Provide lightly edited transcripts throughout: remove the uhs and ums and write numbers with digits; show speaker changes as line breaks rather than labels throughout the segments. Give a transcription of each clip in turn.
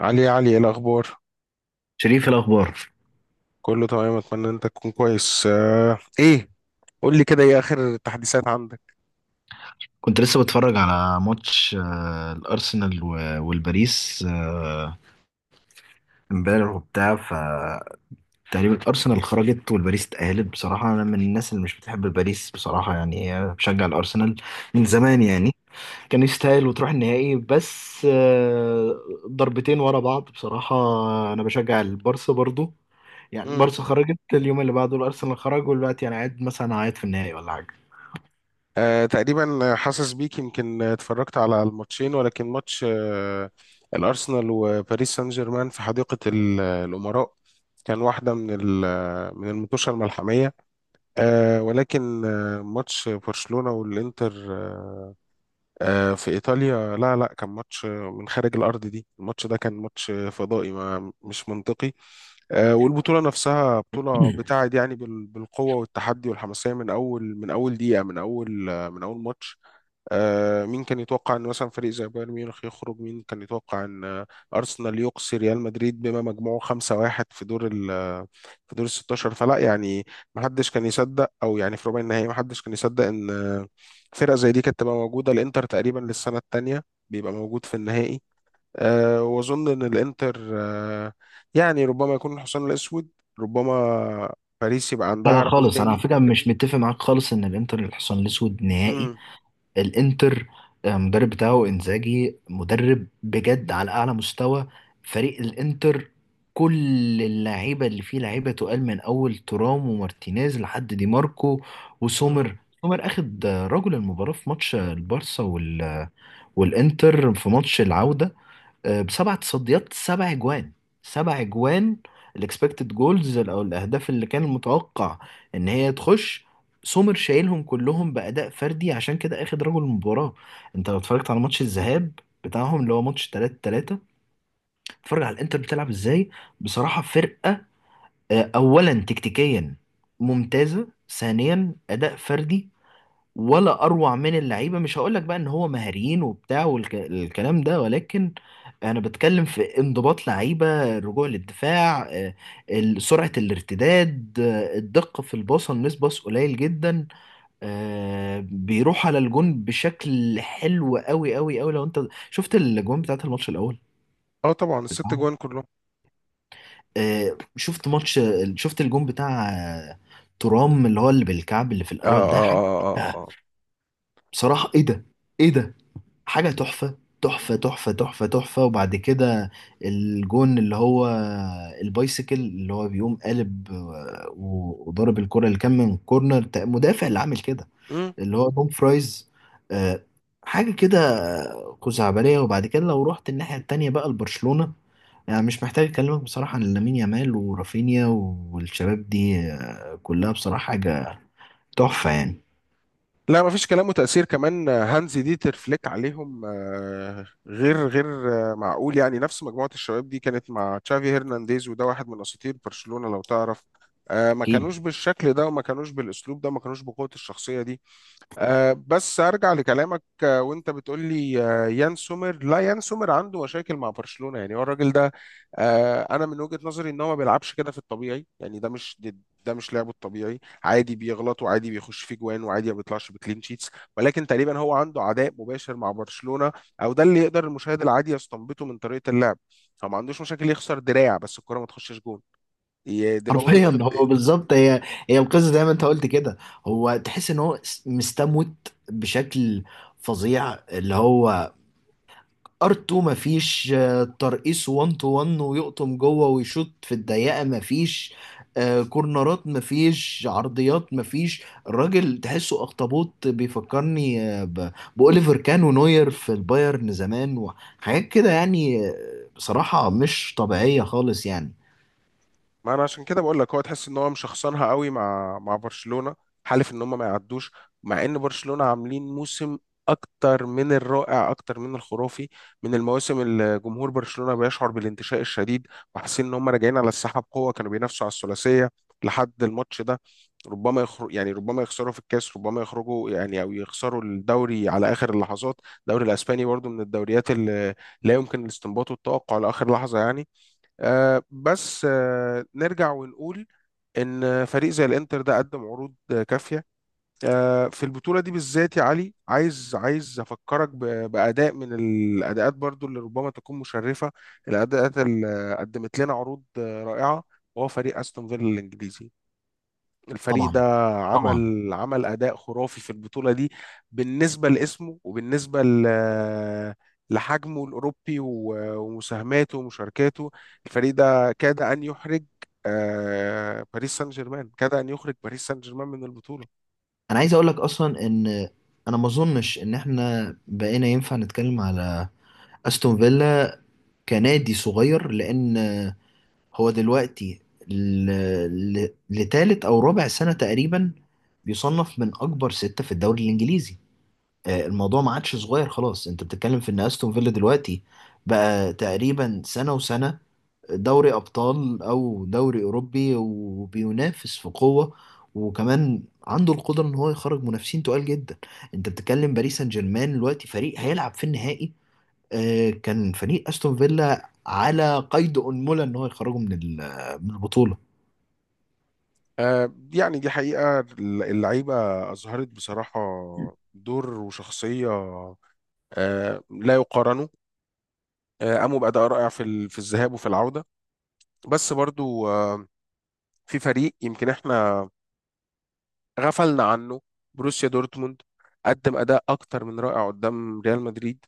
علي، يا علي، ايه الاخبار؟
شريف، إيه الأخبار؟
كله تمام، اتمنى انت تكون كويس. ايه، قول لي كده، ايه اخر التحديثات عندك؟
كنت لسه بتفرج على ماتش، الأرسنال والباريس، امبارح وبتاع فتقريبا الأرسنال خرجت والباريس اتأهلت. بصراحة أنا من الناس اللي مش بتحب الباريس، بصراحة يعني، بشجع الأرسنال من
مهم.
زمان يعني. كان يستاهل وتروح النهائي، بس، ضربتين ورا بعض. بصراحة أنا بشجع البارسا برضو، يعني
مم.
البارسا خرجت، اليوم اللي بعده الأرسنال خرج، ودلوقتي أنا قاعد مثلا قاعد في النهائي ولا حاجة.
تقريبا حاسس بيك، يمكن اتفرجت على الماتشين. ولكن ماتش الارسنال وباريس سان جيرمان في حديقة الامراء كان واحدة من من المطوشة الملحمية. ولكن ماتش برشلونة والانتر، في ايطاليا، لا لا، كان ماتش من خارج الارض دي. الماتش ده كان ماتش فضائي، ما مش منطقي. والبطوله نفسها بطوله بتاعت، يعني بالقوه والتحدي والحماسيه، من اول دقيقه، من اول من اول ماتش. مين كان يتوقع ان مثلا فريق زي بايرن ميونخ يخرج؟ مين كان يتوقع ان ارسنال يقصي ريال مدريد بما مجموعه 5-1 في دور ال في دور ال 16؟ فلا يعني، ما حدش كان يصدق، او يعني في ربع النهائي ما حدش كان يصدق ان فرقه زي دي كانت تبقى موجوده. الانتر تقريبا للسنه الثانيه بيبقى موجود في النهائي. واظن ان الانتر يعني ربما يكون الحصان الاسود، ربما. باريس يبقى
لا لا
عندها رأي
خالص، انا على
تاني.
فكره مش متفق معاك خالص ان الانتر الحصان الاسود نهائي.
امم.
الانتر، المدرب بتاعه انزاجي مدرب بجد على اعلى مستوى. فريق الانتر، كل اللعيبه اللي فيه لعيبه تقال، من اول ترام ومارتينيز لحد دي ماركو وسومر. سومر اخد رجل المباراه في ماتش البارسا وال... والانتر في ماتش العوده، بسبع تصديات، سبع اجوان، سبع اجوان، الاكسبكتد جولز، او الاهداف اللي كان متوقع ان هي تخش. سومر شايلهم كلهم باداء فردي، عشان كده اخد رجل المباراه. انت لو اتفرجت على ماتش الذهاب بتاعهم اللي هو ماتش 3 3، اتفرج على الانتر بتلعب ازاي. بصراحه فرقه، اولا تكتيكيا ممتازه، ثانيا اداء فردي ولا اروع من اللعيبه. مش هقول لك بقى ان هو مهاريين وبتاع والكلام ده، ولكن انا بتكلم في انضباط لعيبه، الرجوع للدفاع، سرعه الارتداد، الدقه في الباصه، مس باص قليل جدا، بيروح على الجون بشكل حلو قوي قوي قوي. لو انت شفت الجون بتاعت الماتش الاول
اه، طبعا الست
بتاعهم،
جوان كلهم.
شفت ماتش، شفت الجون بتاع ترام اللي هو اللي بالكعب اللي في
اه،
الاول، ده
اه،
حاجه.
اه، اه، آه،
آه،
آه.
بصراحه، ايه ده؟ ايه ده؟ حاجة تحفة تحفة تحفة تحفة تحفة. وبعد كده الجون اللي هو البايسيكل اللي هو بيقوم قالب، وضرب الكرة اللي كان من كورنر، مدافع اللي عامل كده،
مم.
اللي هو دوم فرايز، آه، حاجة كده، خزعبلية. وبعد كده لو رحت الناحية التانية بقى لبرشلونة، يعني مش محتاج أكلمك بصراحة عن لامين يامال ورافينيا والشباب دي، كلها بصراحة حاجة تحفة يعني.
لا، مفيش كلام. وتأثير كمان هانز ديتر فليك عليهم غير معقول. يعني نفس مجموعة الشباب دي كانت مع تشافي هرنانديز، وده واحد من أساطير برشلونة، لو تعرف ما
أكيد.
كانوش بالشكل ده، وما كانوش بالأسلوب ده، ما كانوش بقوة الشخصية دي. بس ارجع لكلامك، وانت بتقول لي يان سومر، لا، يان سومر عنده مشاكل مع برشلونة. يعني هو الراجل ده، انا من وجهة نظري ان هو ما بيلعبش كده في الطبيعي. يعني ده مش لعبه الطبيعي. عادي بيغلط، وعادي بيخش في جوان، وعادي ما بيطلعش بكلين شيتس، ولكن تقريبا هو عنده عداء مباشر مع برشلونة. او ده اللي يقدر المشاهد العادي يستنبطه من طريقة اللعب. فما عندوش مشاكل يخسر دراع، بس الكرة ما تخشش جون. دماغه
حرفيا هو بالظبط. هي القصه زي ما انت قلت كده. هو تحس ان هو مستموت بشكل فظيع، اللي هو ار2، مفيش ترقيص 1 تو 1 ويقطم جوه ويشوط في الضيقه، مفيش كورنرات، مفيش عرضيات، مفيش. الراجل تحسه اخطبوط، بيفكرني، بأوليفر كان ونوير في البايرن زمان وحاجات كده يعني. بصراحه مش طبيعيه خالص يعني.
ما انا عشان كده بقول لك، هو تحس ان هو مشخصنها قوي مع برشلونة، حالف ان هم ما يعدوش، مع ان برشلونة عاملين موسم اكتر من الرائع، اكتر من الخرافي، من المواسم اللي جمهور برشلونة بيشعر بالانتشاء الشديد وحاسين ان هم راجعين على الساحة بقوة. كانوا بينافسوا على الثلاثية لحد الماتش ده. ربما يخرج، يعني ربما يخسروا في الكاس، ربما يخرجوا، يعني، او يخسروا الدوري على اخر اللحظات. الدوري الاسباني برضو من الدوريات اللي لا يمكن الاستنباط والتوقع لاخر لحظة يعني. بس نرجع ونقول ان فريق زي الانتر ده قدم عروض كافيه في البطوله دي بالذات. يا علي، عايز افكرك باداء من الاداءات، برضو اللي ربما تكون مشرفه، الاداءات اللي قدمت لنا عروض رائعه. وهو فريق استون فيلا الانجليزي. الفريق ده
طبعا. طبعا.
عمل أداء خرافي في البطولة دي، بالنسبة لاسمه، وبالنسبة لحجمه الأوروبي ومساهماته ومشاركاته. الفريق ده كاد أن يحرج باريس سان جيرمان، كاد أن يخرج باريس سان جيرمان من البطولة.
انا عايز اقول لك اصلا ان انا ما اظنش ان احنا بقينا ينفع نتكلم على استون فيلا كنادي صغير، لان هو دلوقتي لتالت او رابع سنة تقريبا بيصنف من اكبر ستة في الدوري الانجليزي. الموضوع ما عادش صغير خلاص. انت بتتكلم في ان استون فيلا دلوقتي بقى تقريبا سنة وسنة دوري أبطال أو دوري أوروبي، وبينافس في قوة، وكمان عنده القدرة إن هو يخرج منافسين تقال جدا. أنت بتتكلم باريس سان جيرمان دلوقتي فريق هيلعب في النهائي. كان فريق أستون فيلا على قيد أنملة إن هو يخرجه من من البطولة.
يعني دي حقيقة اللعيبة أظهرت بصراحة دور وشخصية لا يقارنوا. قاموا بأداء رائع في في الذهاب وفي العودة. بس برضو في فريق يمكن احنا غفلنا عنه: بروسيا دورتموند. قدم اداء اكتر من رائع قدام ريال مدريد،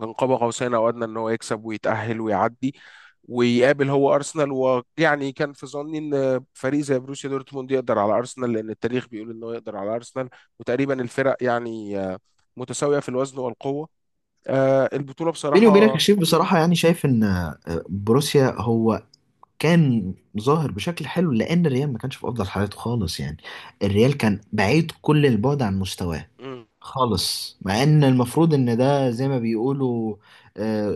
كان قاب قوسين او ادنى ان هو يكسب ويتاهل ويعدي ويقابل هو ارسنال. ويعني كان في ظني ان فريق زي بروسيا دورتموند يقدر على ارسنال، لان التاريخ بيقول انه يقدر على ارسنال. وتقريبا الفرق، يعني، متساويه في الوزن والقوه. البطوله
بيني وبينك يا
بصراحه.
شريف،
مم،
بصراحة يعني شايف إن بروسيا هو كان ظاهر بشكل حلو، لأن الريال ما كانش في أفضل حالاته خالص يعني، الريال كان بعيد كل البعد عن مستواه
مم،
خالص. مع ان المفروض ان ده زي ما بيقولوا آه،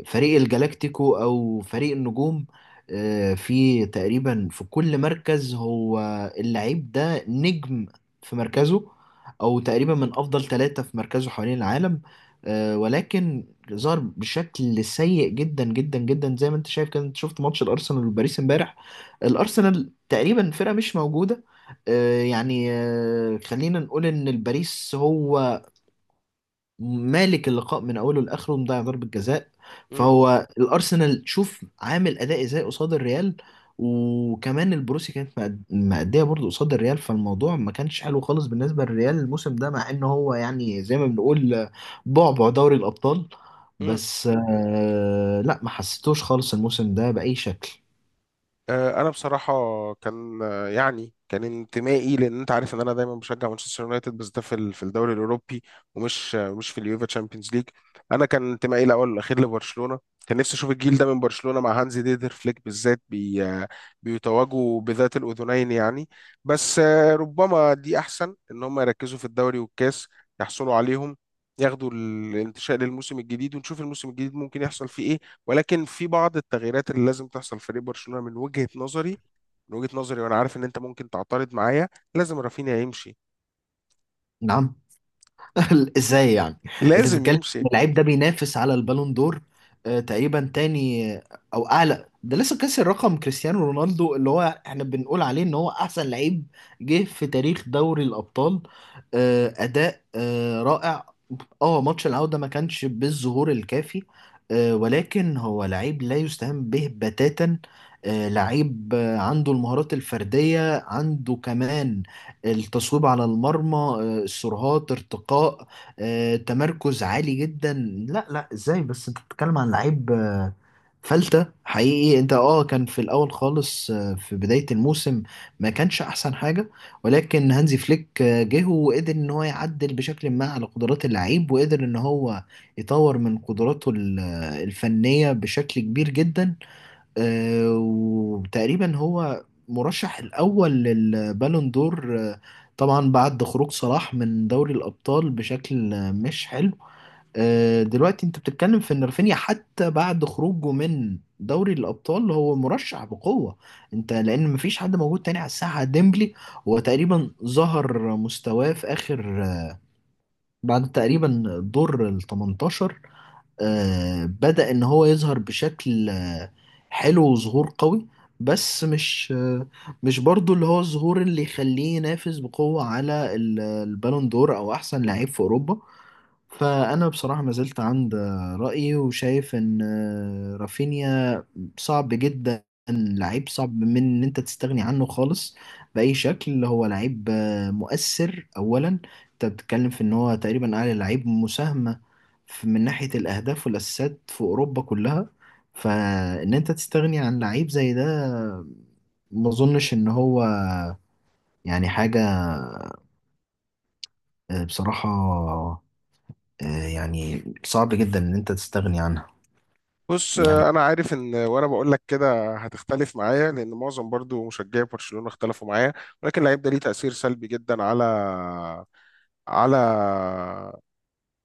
فريق الجلاكتيكو او فريق النجوم، في تقريبا في كل مركز هو اللعيب ده نجم في مركزه، او تقريبا من افضل ثلاثة في مركزه حوالين العالم، ولكن ظهر بشكل سيء جدا جدا جدا زي ما انت شايف كده. انت شفت ماتش الارسنال وباريس امبارح، الارسنال تقريبا فرقة مش موجودة، يعني، خلينا نقول ان الباريس هو مالك اللقاء من اوله لاخره، ومضيع ضربه جزاء.
مم،
فهو الارسنال شوف عامل اداء ازاي قصاد الريال، وكمان البروسي كانت مأدية برضه قصاد الريال، فالموضوع ما كانش حلو خالص بالنسبة للريال الموسم ده، مع ان هو يعني زي ما بنقول بعبع دوري الأبطال.
مم.
بس آه لا، ما حسيتوش خالص الموسم ده بأي شكل.
انا بصراحه كان، يعني كان انتمائي، لان انت عارف ان انا دايما بشجع مانشستر يونايتد، بس ده في في الدوري الاوروبي، ومش مش في اليوفا تشامبيونز ليج. انا كان انتمائي الاول والاخير لبرشلونه. كان نفسي اشوف الجيل ده من برشلونه مع هانزي ديدر فليك بالذات، بي آه، بيتواجوا بذات الاذنين يعني. بس ربما دي احسن، ان هم يركزوا في الدوري والكاس، يحصلوا عليهم، ياخدوا الانتشاء للموسم الجديد، ونشوف الموسم الجديد ممكن يحصل فيه إيه. ولكن في بعض التغييرات اللي لازم تحصل في فريق برشلونة، من وجهة نظري. من وجهة نظري، وانا عارف ان انت ممكن تعترض معايا، لازم رافينيا يمشي.
نعم. ازاي يعني؟ انت
لازم
بتتكلم
يمشي.
ان اللعيب ده بينافس على البالون دور، تقريبا تاني، او اعلى. ده لسه كسر رقم كريستيانو رونالدو، اللي هو احنا بنقول عليه ان هو احسن لعيب جه في تاريخ دوري الابطال. اداء رائع. اه ماتش العودة ما كانش بالظهور الكافي، ولكن هو لعيب لا يستهان به بتاتا. لعيب، عنده المهارات الفردية، عنده كمان التصويب على المرمى، السرعات، ارتقاء، تمركز عالي جدا. لا لا، ازاي بس؟ انت بتتكلم عن لعيب فلتة حقيقي. انت اه، كان في الاول خالص، في بداية الموسم ما كانش احسن حاجة، ولكن هانزي فليك جه وقدر ان هو يعدل بشكل ما على قدرات اللعيب، وقدر ان هو يطور من قدراته الفنية بشكل كبير جدا. وتقريبا هو مرشح الأول للبالون دور، طبعا بعد خروج صلاح من دوري الأبطال بشكل مش حلو. دلوقتي انت بتتكلم في ان رافينيا حتى بعد خروجه من دوري الأبطال هو مرشح بقوة، انت، لأن مفيش حد موجود تاني على الساحة. ديمبلي هو تقريبا ظهر مستواه في آخر، بعد تقريبا دور ال 18، بدأ إن هو يظهر بشكل حلو وظهور قوي، بس مش، مش برضو اللي هو الظهور اللي يخليه ينافس بقوة على البالون دور أو أحسن لعيب في أوروبا. فأنا بصراحة ما زلت عند رأيي، وشايف إن رافينيا صعب جدا. لعيب صعب من ان انت تستغني عنه خالص بأي شكل. هو لعيب مؤثر. اولا انت بتتكلم في ان هو تقريبا اعلى لعيب مساهمة من ناحية الاهداف والاسيستات في اوروبا كلها. فان انت تستغني عن لعيب زي ده ما اظنش ان هو يعني حاجة، بصراحة، يعني صعب جدا ان انت تستغني عنها
بص،
يعني.
انا عارف ان وانا بقول لك كده هتختلف معايا، لان معظم برضو مشجعي برشلونة اختلفوا معايا. ولكن اللعيب ده ليه تأثير سلبي جدا على على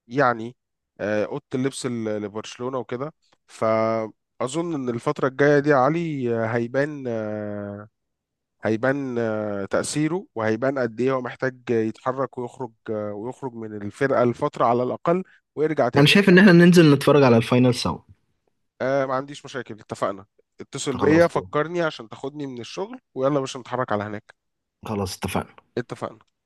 يعني، اوضه اللبس لبرشلونة وكده. فاظن ان الفترة الجاية دي يا علي آه، هيبان آه، هيبان آه، تأثيره، وهيبان قد إيه هو محتاج يتحرك ويخرج ويخرج من الفرقة لفترة على الأقل، ويرجع
انا
تاني.
شايف ان احنا ننزل نتفرج على الفاينل سوا.
آه، ما عنديش مشاكل، اتفقنا. اتصل بيا،
خلاص.
فكرني عشان تاخدني من الشغل، ويلا يا باشا نتحرك على هناك.
خلاص اتفقنا.
اتفقنا.